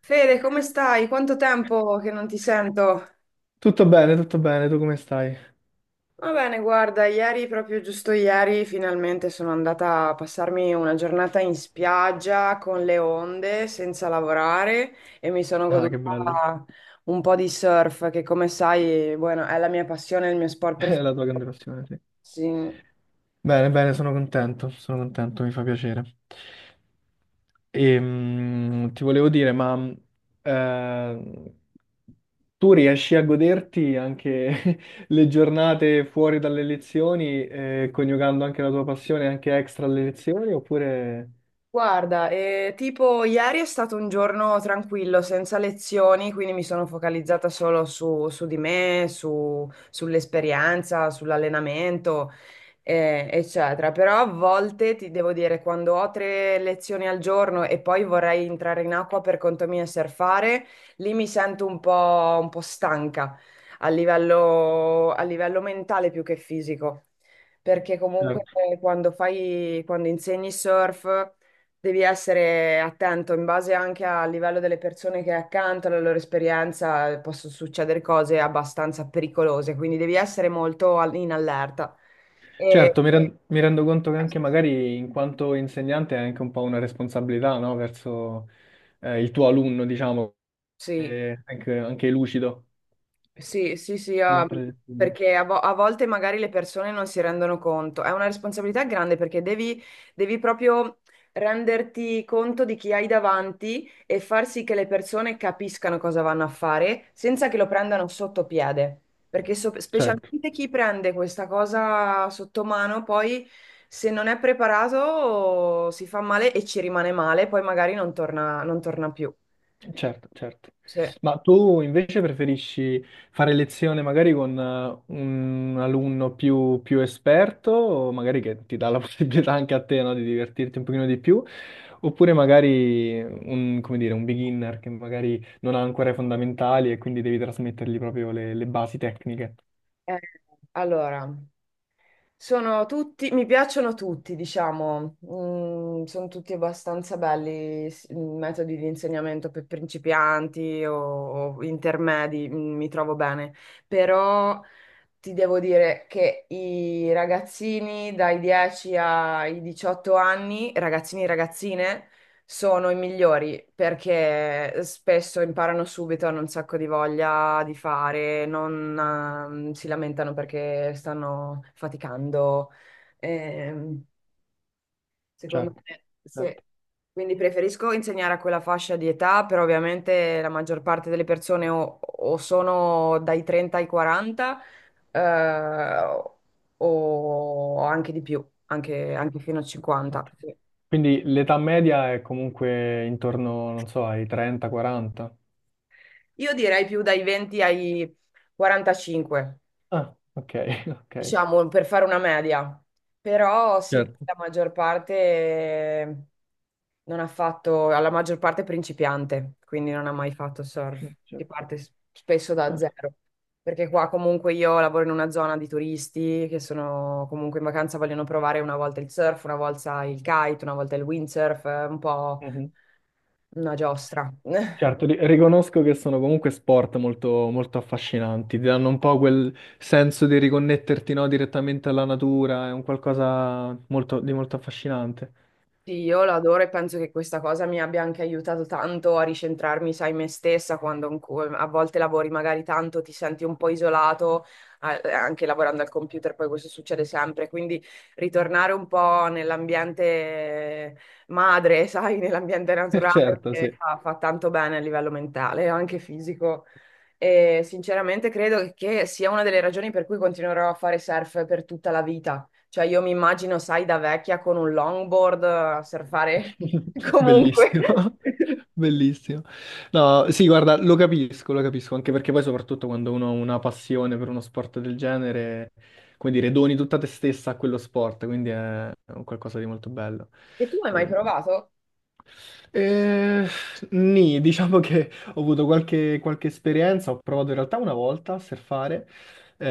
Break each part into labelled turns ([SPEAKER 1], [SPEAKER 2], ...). [SPEAKER 1] Fede, come stai? Quanto tempo che non ti sento?
[SPEAKER 2] Tutto bene, tu come stai?
[SPEAKER 1] Va bene, guarda, ieri, proprio giusto ieri, finalmente sono andata a passarmi una giornata in spiaggia con le onde, senza lavorare e mi sono
[SPEAKER 2] Ah, che bello.
[SPEAKER 1] goduta un po' di surf, che come sai, bueno, è la mia passione, il mio sport
[SPEAKER 2] È
[SPEAKER 1] preferito.
[SPEAKER 2] la tua grande passione, sì.
[SPEAKER 1] Sì.
[SPEAKER 2] Bene, bene, sono contento, mi fa piacere. E, ti volevo dire, ma eh, tu riesci a goderti anche le giornate fuori dalle lezioni, coniugando anche la tua passione anche extra alle lezioni, oppure.
[SPEAKER 1] Guarda, tipo ieri è stato un giorno tranquillo, senza lezioni, quindi mi sono focalizzata solo su di me, sull'esperienza, sull'allenamento, eccetera. Però a volte ti devo dire, quando ho tre lezioni al giorno e poi vorrei entrare in acqua per conto mio e surfare, lì mi sento un po' stanca a livello mentale più che fisico. Perché comunque quando quando insegni surf. Devi essere attento in base anche al livello delle persone che hai accanto, alla loro esperienza, possono succedere cose abbastanza pericolose, quindi devi essere molto in allerta. E
[SPEAKER 2] Certo, mi rendo conto che anche magari in quanto insegnante hai anche un po' una responsabilità, no? Verso il tuo alunno, diciamo,
[SPEAKER 1] sì,
[SPEAKER 2] e anche lucido
[SPEAKER 1] sì, sì, sì,
[SPEAKER 2] durante le lezioni.
[SPEAKER 1] perché a volte magari le persone non si rendono conto. È una responsabilità grande perché devi, devi proprio renderti conto di chi hai davanti e far sì che le persone capiscano cosa vanno a fare senza che lo prendano sotto piede. Perché
[SPEAKER 2] Certo.
[SPEAKER 1] specialmente chi prende questa cosa sotto mano, poi se non è preparato si fa male e ci rimane male, poi magari non non torna più.
[SPEAKER 2] Certo, certo.
[SPEAKER 1] Sì.
[SPEAKER 2] Ma tu invece preferisci fare lezione magari con un alunno più esperto, o magari che ti dà la possibilità anche a te, no, di divertirti un pochino di più, oppure magari un, come dire, un beginner che magari non ha ancora i fondamentali e quindi devi trasmettergli proprio le basi tecniche.
[SPEAKER 1] Eh, allora. Sono tutti, mi piacciono tutti, diciamo. Mm, sono tutti abbastanza belli, metodi di insegnamento per principianti o intermedi, mm, mi trovo bene, però ti devo dire che i ragazzini dai 10 ai 18 anni, ragazzini e ragazzine, sono i migliori perché spesso imparano subito, hanno un sacco di voglia di fare, non si lamentano perché stanno faticando. Ehm, secondo
[SPEAKER 2] Certo,
[SPEAKER 1] me, sì.
[SPEAKER 2] certo.
[SPEAKER 1] Quindi preferisco insegnare a quella fascia di età, però ovviamente la maggior parte delle persone o sono dai 30 ai 40 eh, o anche di più, anche, anche fino a
[SPEAKER 2] Ok.
[SPEAKER 1] 50. Sì.
[SPEAKER 2] Quindi l'età media è comunque intorno, non so, ai 30-40.
[SPEAKER 1] Io direi più dai 20 ai 45,
[SPEAKER 2] Ah, ok, ok.
[SPEAKER 1] diciamo, per fare una media. Però sì,
[SPEAKER 2] Certo.
[SPEAKER 1] la maggior parte... Non ha fatto, alla maggior parte è principiante, quindi non ha mai fatto surf. Si
[SPEAKER 2] Certo.
[SPEAKER 1] parte spesso da
[SPEAKER 2] Certo.
[SPEAKER 1] zero, perché qua comunque io lavoro in una zona di turisti che sono comunque in vacanza, vogliono provare una volta il surf, una volta il kite, una volta il windsurf, è un po'
[SPEAKER 2] Mhm.
[SPEAKER 1] una giostra.
[SPEAKER 2] Certo, riconosco che sono comunque sport molto, molto affascinanti, ti danno un po' quel senso di riconnetterti, no, direttamente alla natura, è un qualcosa di molto affascinante.
[SPEAKER 1] Sì, io l'adoro e penso che questa cosa mi abbia anche aiutato tanto a ricentrarmi, sai, me stessa, quando a volte lavori magari tanto, ti senti un po' isolato, anche lavorando al computer, poi questo succede sempre, quindi ritornare un po' nell'ambiente madre, sai, nell'ambiente naturale,
[SPEAKER 2] Certo, sì.
[SPEAKER 1] fa tanto bene a livello mentale, anche fisico. E sinceramente credo che sia una delle ragioni per cui continuerò a fare surf per tutta la vita. Cioè io mi immagino, sai, da vecchia con un longboard a surfare comunque.
[SPEAKER 2] Bellissimo, bellissimo. No, sì, guarda, lo capisco, anche perché poi soprattutto quando uno ha una passione per uno sport del genere, come dire, doni tutta te stessa a quello sport, quindi è un qualcosa di molto bello.
[SPEAKER 1] E tu hai mai
[SPEAKER 2] Eh,
[SPEAKER 1] provato?
[SPEAKER 2] eh, Nì, diciamo che ho avuto qualche esperienza, ho provato in realtà una volta a surfare,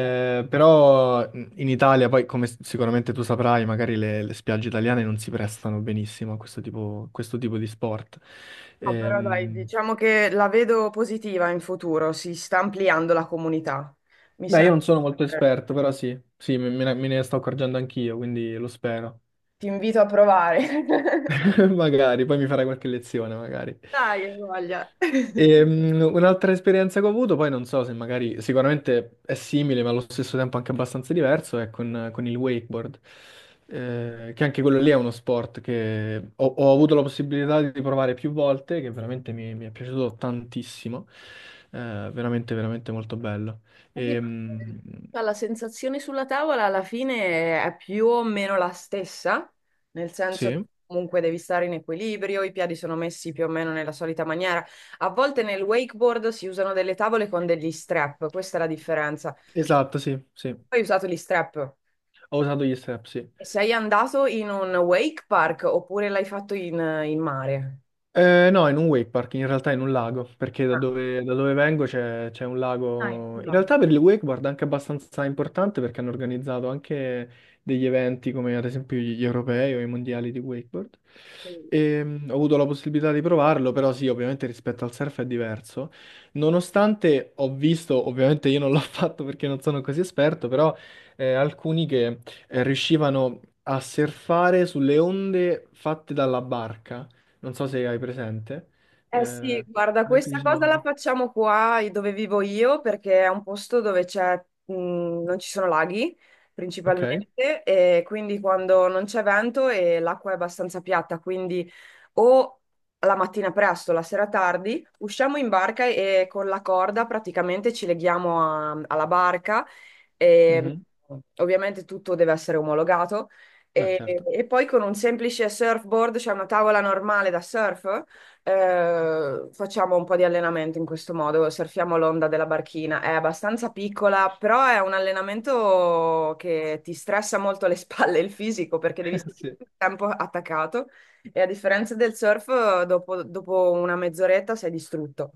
[SPEAKER 1] No.
[SPEAKER 2] però in Italia, poi come sicuramente tu saprai, magari le spiagge italiane non si prestano benissimo a questo tipo di sport.
[SPEAKER 1] Ah, però dai,
[SPEAKER 2] Ehm,
[SPEAKER 1] diciamo che la vedo positiva in futuro, si sta ampliando la comunità. Mi
[SPEAKER 2] Beh,
[SPEAKER 1] sa...
[SPEAKER 2] io non sono molto
[SPEAKER 1] Ti
[SPEAKER 2] esperto, però sì, sì, me ne sto accorgendo anch'io, quindi lo spero.
[SPEAKER 1] invito a provare.
[SPEAKER 2] Magari, poi mi farai qualche lezione, magari.
[SPEAKER 1] Dai, che voglia.
[SPEAKER 2] Un'altra esperienza che ho avuto, poi non so se magari sicuramente è simile, ma allo stesso tempo anche abbastanza diverso, è con il wakeboard. Che anche quello lì è uno sport che ho avuto la possibilità di provare più volte, che veramente mi è piaciuto tantissimo. Veramente, veramente molto bello.
[SPEAKER 1] Sì, ma
[SPEAKER 2] Ehm,
[SPEAKER 1] la sensazione sulla tavola alla fine è più o meno la stessa, nel senso che
[SPEAKER 2] sì,
[SPEAKER 1] comunque devi stare in equilibrio, i piedi sono messi più o meno nella solita maniera. A volte nel wakeboard si usano delle tavole con degli strap, questa è la differenza. Tu
[SPEAKER 2] esatto, sì, sì,
[SPEAKER 1] hai usato gli strap
[SPEAKER 2] ho usato gli strap, sì.
[SPEAKER 1] e sei andato in un wake park oppure l'hai fatto in, in mare?
[SPEAKER 2] No, in un wake park, in realtà in un lago, perché da
[SPEAKER 1] Ah,
[SPEAKER 2] dove, da dove vengo c'è un
[SPEAKER 1] ah, in
[SPEAKER 2] lago.
[SPEAKER 1] un
[SPEAKER 2] In
[SPEAKER 1] lago.
[SPEAKER 2] realtà per il wakeboard è anche abbastanza importante perché hanno organizzato anche degli eventi come ad esempio gli europei o i mondiali di wakeboard. E, ho avuto la possibilità di provarlo, però sì, ovviamente rispetto al surf è diverso. Nonostante ho visto, ovviamente io non l'ho fatto perché non sono così esperto, però alcuni che riuscivano a surfare sulle onde fatte dalla barca, non so se hai presente. Eh,
[SPEAKER 1] Eh sì,
[SPEAKER 2] Ad
[SPEAKER 1] guarda,
[SPEAKER 2] esempio ci
[SPEAKER 1] questa cosa la
[SPEAKER 2] sono.
[SPEAKER 1] facciamo qua dove vivo io perché è un posto dove mh, non ci sono laghi
[SPEAKER 2] Ok,
[SPEAKER 1] principalmente e quindi quando non c'è vento e l'acqua è abbastanza piatta, quindi o la mattina presto, la sera tardi, usciamo in barca e con la corda praticamente ci leghiamo alla barca e
[SPEAKER 2] mhm.
[SPEAKER 1] ovviamente tutto deve essere omologato
[SPEAKER 2] Beh,
[SPEAKER 1] e,
[SPEAKER 2] certo.
[SPEAKER 1] e poi con un semplice surfboard, cioè una tavola normale da surf. Facciamo un po' di allenamento in questo modo, surfiamo l'onda della barchina. È abbastanza piccola, però è un allenamento che ti stressa molto le spalle e il fisico perché devi stare
[SPEAKER 2] Sì.
[SPEAKER 1] tutto il tempo attaccato e a differenza del surf, dopo una mezz'oretta sei distrutto.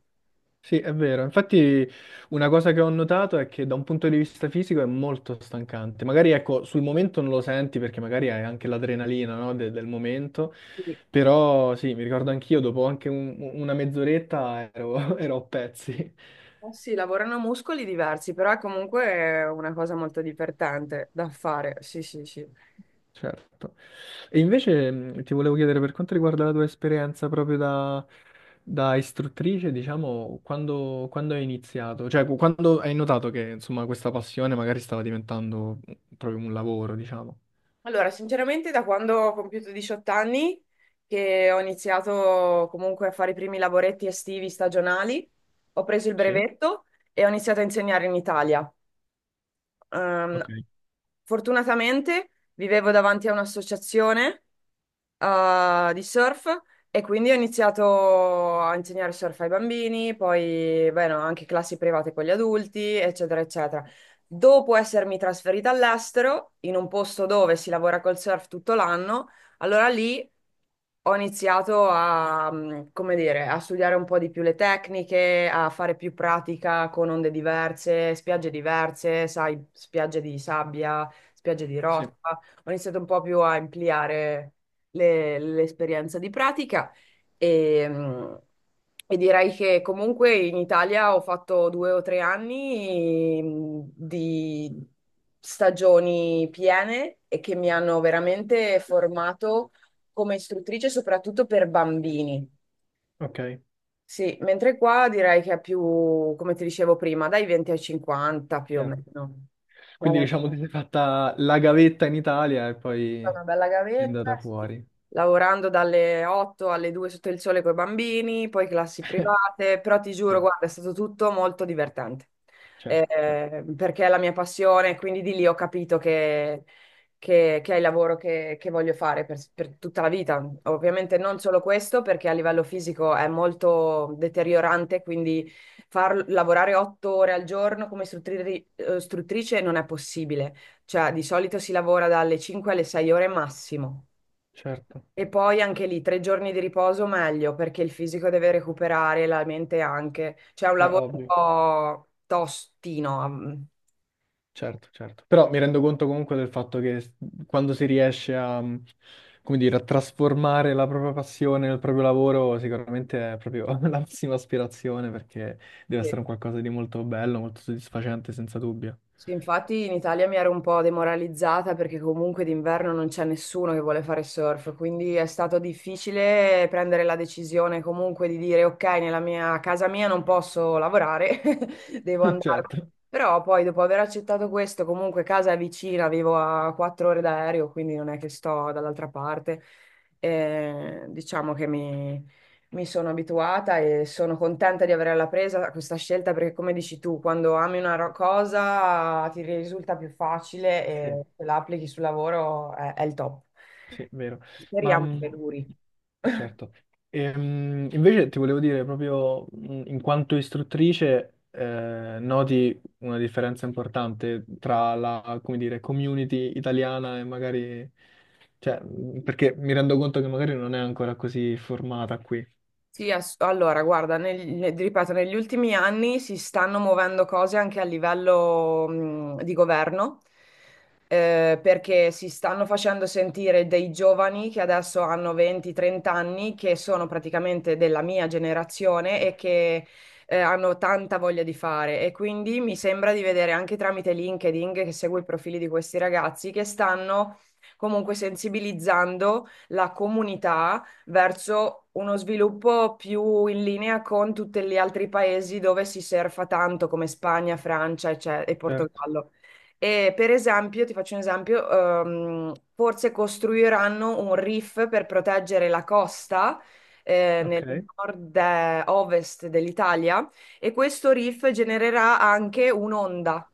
[SPEAKER 2] Sì, è vero. Infatti una cosa che ho notato è che da un punto di vista fisico è molto stancante. Magari ecco, sul momento non lo senti perché magari hai anche l'adrenalina, no, del momento,
[SPEAKER 1] Quindi,
[SPEAKER 2] però sì, mi ricordo anch'io, dopo anche una mezz'oretta ero, ero a pezzi.
[SPEAKER 1] eh sì, lavorano muscoli diversi, però è comunque una cosa molto divertente da fare. Sì, sì, sì.
[SPEAKER 2] Certo. E invece ti volevo chiedere per quanto riguarda la tua esperienza proprio da, istruttrice, diciamo, quando hai iniziato? Cioè, quando hai notato che, insomma, questa passione magari stava diventando proprio un lavoro, diciamo.
[SPEAKER 1] Allora, sinceramente da quando ho compiuto 18 anni che ho iniziato comunque a fare i primi lavoretti estivi stagionali, ho preso il
[SPEAKER 2] Sì,
[SPEAKER 1] brevetto e ho iniziato a insegnare in Italia.
[SPEAKER 2] ok,
[SPEAKER 1] Ehm, fortunatamente vivevo davanti a un'associazione di surf e quindi ho iniziato a insegnare surf ai bambini, poi beh, no, anche classi private con gli adulti, eccetera, eccetera. Dopo essermi trasferita all'estero, in un posto dove si lavora col surf tutto l'anno, allora lì ho iniziato come dire, a studiare un po' di più le tecniche, a fare più pratica con onde diverse, spiagge diverse, sai, spiagge di sabbia, spiagge di mm,
[SPEAKER 2] sì,
[SPEAKER 1] roccia. Ho iniziato un po' più a ampliare l'esperienza di pratica e, mm, e direi che comunque in Italia ho fatto 2 o 3 anni, mm, di stagioni piene e che mi hanno veramente formato come istruttrice, soprattutto per bambini.
[SPEAKER 2] ok,
[SPEAKER 1] Sì, mentre qua direi che è più, come ti dicevo prima, dai 20 ai 50 più o
[SPEAKER 2] certo.
[SPEAKER 1] meno.
[SPEAKER 2] Quindi, diciamo, ti sei fatta la gavetta in Italia e poi
[SPEAKER 1] Una bella
[SPEAKER 2] è
[SPEAKER 1] gavetta,
[SPEAKER 2] andata
[SPEAKER 1] sì.
[SPEAKER 2] fuori.
[SPEAKER 1] Lavorando dalle 8 alle 2 sotto il sole con i bambini, poi classi private, però ti
[SPEAKER 2] Sì,
[SPEAKER 1] giuro, guarda, è stato tutto molto divertente.
[SPEAKER 2] certo, certo,
[SPEAKER 1] Perché è la mia passione, quindi di lì ho capito che è il lavoro che voglio fare per tutta la vita. Ovviamente non solo questo, perché a livello fisico è molto deteriorante, quindi far lavorare 8 ore al giorno come istruttrice non è possibile, cioè, di solito si lavora dalle 5 alle 6 ore massimo.
[SPEAKER 2] certo.
[SPEAKER 1] E poi anche lì tre giorni di riposo meglio, perché il fisico deve recuperare, la mente anche. Cioè, è un
[SPEAKER 2] Beh,
[SPEAKER 1] lavoro un
[SPEAKER 2] ovvio.
[SPEAKER 1] po' tostino. Mm.
[SPEAKER 2] Certo, certo. Però mi rendo conto comunque del fatto che quando si riesce a, come dire, a trasformare la propria passione nel proprio lavoro, sicuramente è proprio la massima aspirazione perché deve
[SPEAKER 1] Sì.
[SPEAKER 2] essere un qualcosa di molto bello, molto soddisfacente, senza dubbio.
[SPEAKER 1] Sì, infatti in Italia mi ero un po' demoralizzata perché comunque d'inverno non c'è nessuno che vuole fare surf, quindi è stato difficile prendere la decisione comunque di dire ok, nella mia a casa mia non posso lavorare, devo andarmene. Però poi dopo aver accettato questo, comunque casa è vicina, vivo a 4 ore d'aereo, quindi non è che sto dall'altra parte, diciamo che mi sono abituata e sono contenta di averla presa a questa scelta perché, come dici tu, quando ami una cosa ti risulta più facile e
[SPEAKER 2] Certo.
[SPEAKER 1] se la applichi sul lavoro è il top.
[SPEAKER 2] Sì, vero. Ma
[SPEAKER 1] Speriamo che duri.
[SPEAKER 2] certo. Invece ti volevo dire proprio in quanto istruttrice, noti una differenza importante tra la, come dire, community italiana e magari, cioè, perché mi rendo conto che magari non è ancora così formata qui.
[SPEAKER 1] Sì, allora, guarda, ripeto, negli ultimi anni si stanno muovendo cose anche a livello, di governo, perché si stanno facendo sentire dei giovani che adesso hanno 20-30 anni, che sono praticamente della mia generazione e che, hanno tanta voglia di fare. E quindi mi sembra di vedere anche tramite LinkedIn, che seguo i profili di questi ragazzi, che stanno comunque sensibilizzando la comunità verso uno sviluppo più in linea con tutti gli altri paesi dove si surfa tanto, come Spagna, Francia, e
[SPEAKER 2] Certo.
[SPEAKER 1] Portogallo. E per esempio, ti faccio un esempio, forse costruiranno un reef per proteggere la costa
[SPEAKER 2] Ok.
[SPEAKER 1] nel nord-ovest dell'Italia e questo reef genererà anche un'onda.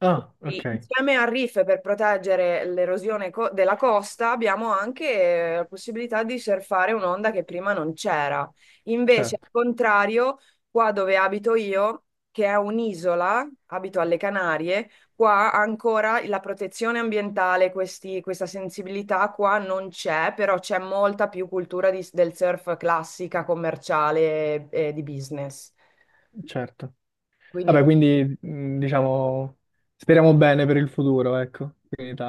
[SPEAKER 2] Ah,
[SPEAKER 1] Sì,
[SPEAKER 2] ok.
[SPEAKER 1] insieme a reef per proteggere l'erosione della costa abbiamo anche la possibilità di surfare un'onda che prima non c'era. Invece, al
[SPEAKER 2] Certo,
[SPEAKER 1] contrario, qua dove abito io, che è un'isola, abito alle Canarie, qua ancora la protezione ambientale, questa sensibilità qua non c'è, però c'è molta più cultura del surf classica, commerciale e di business.
[SPEAKER 2] certo.
[SPEAKER 1] Quindi
[SPEAKER 2] Vabbè, quindi diciamo speriamo bene per il futuro, ecco, qui in Italia.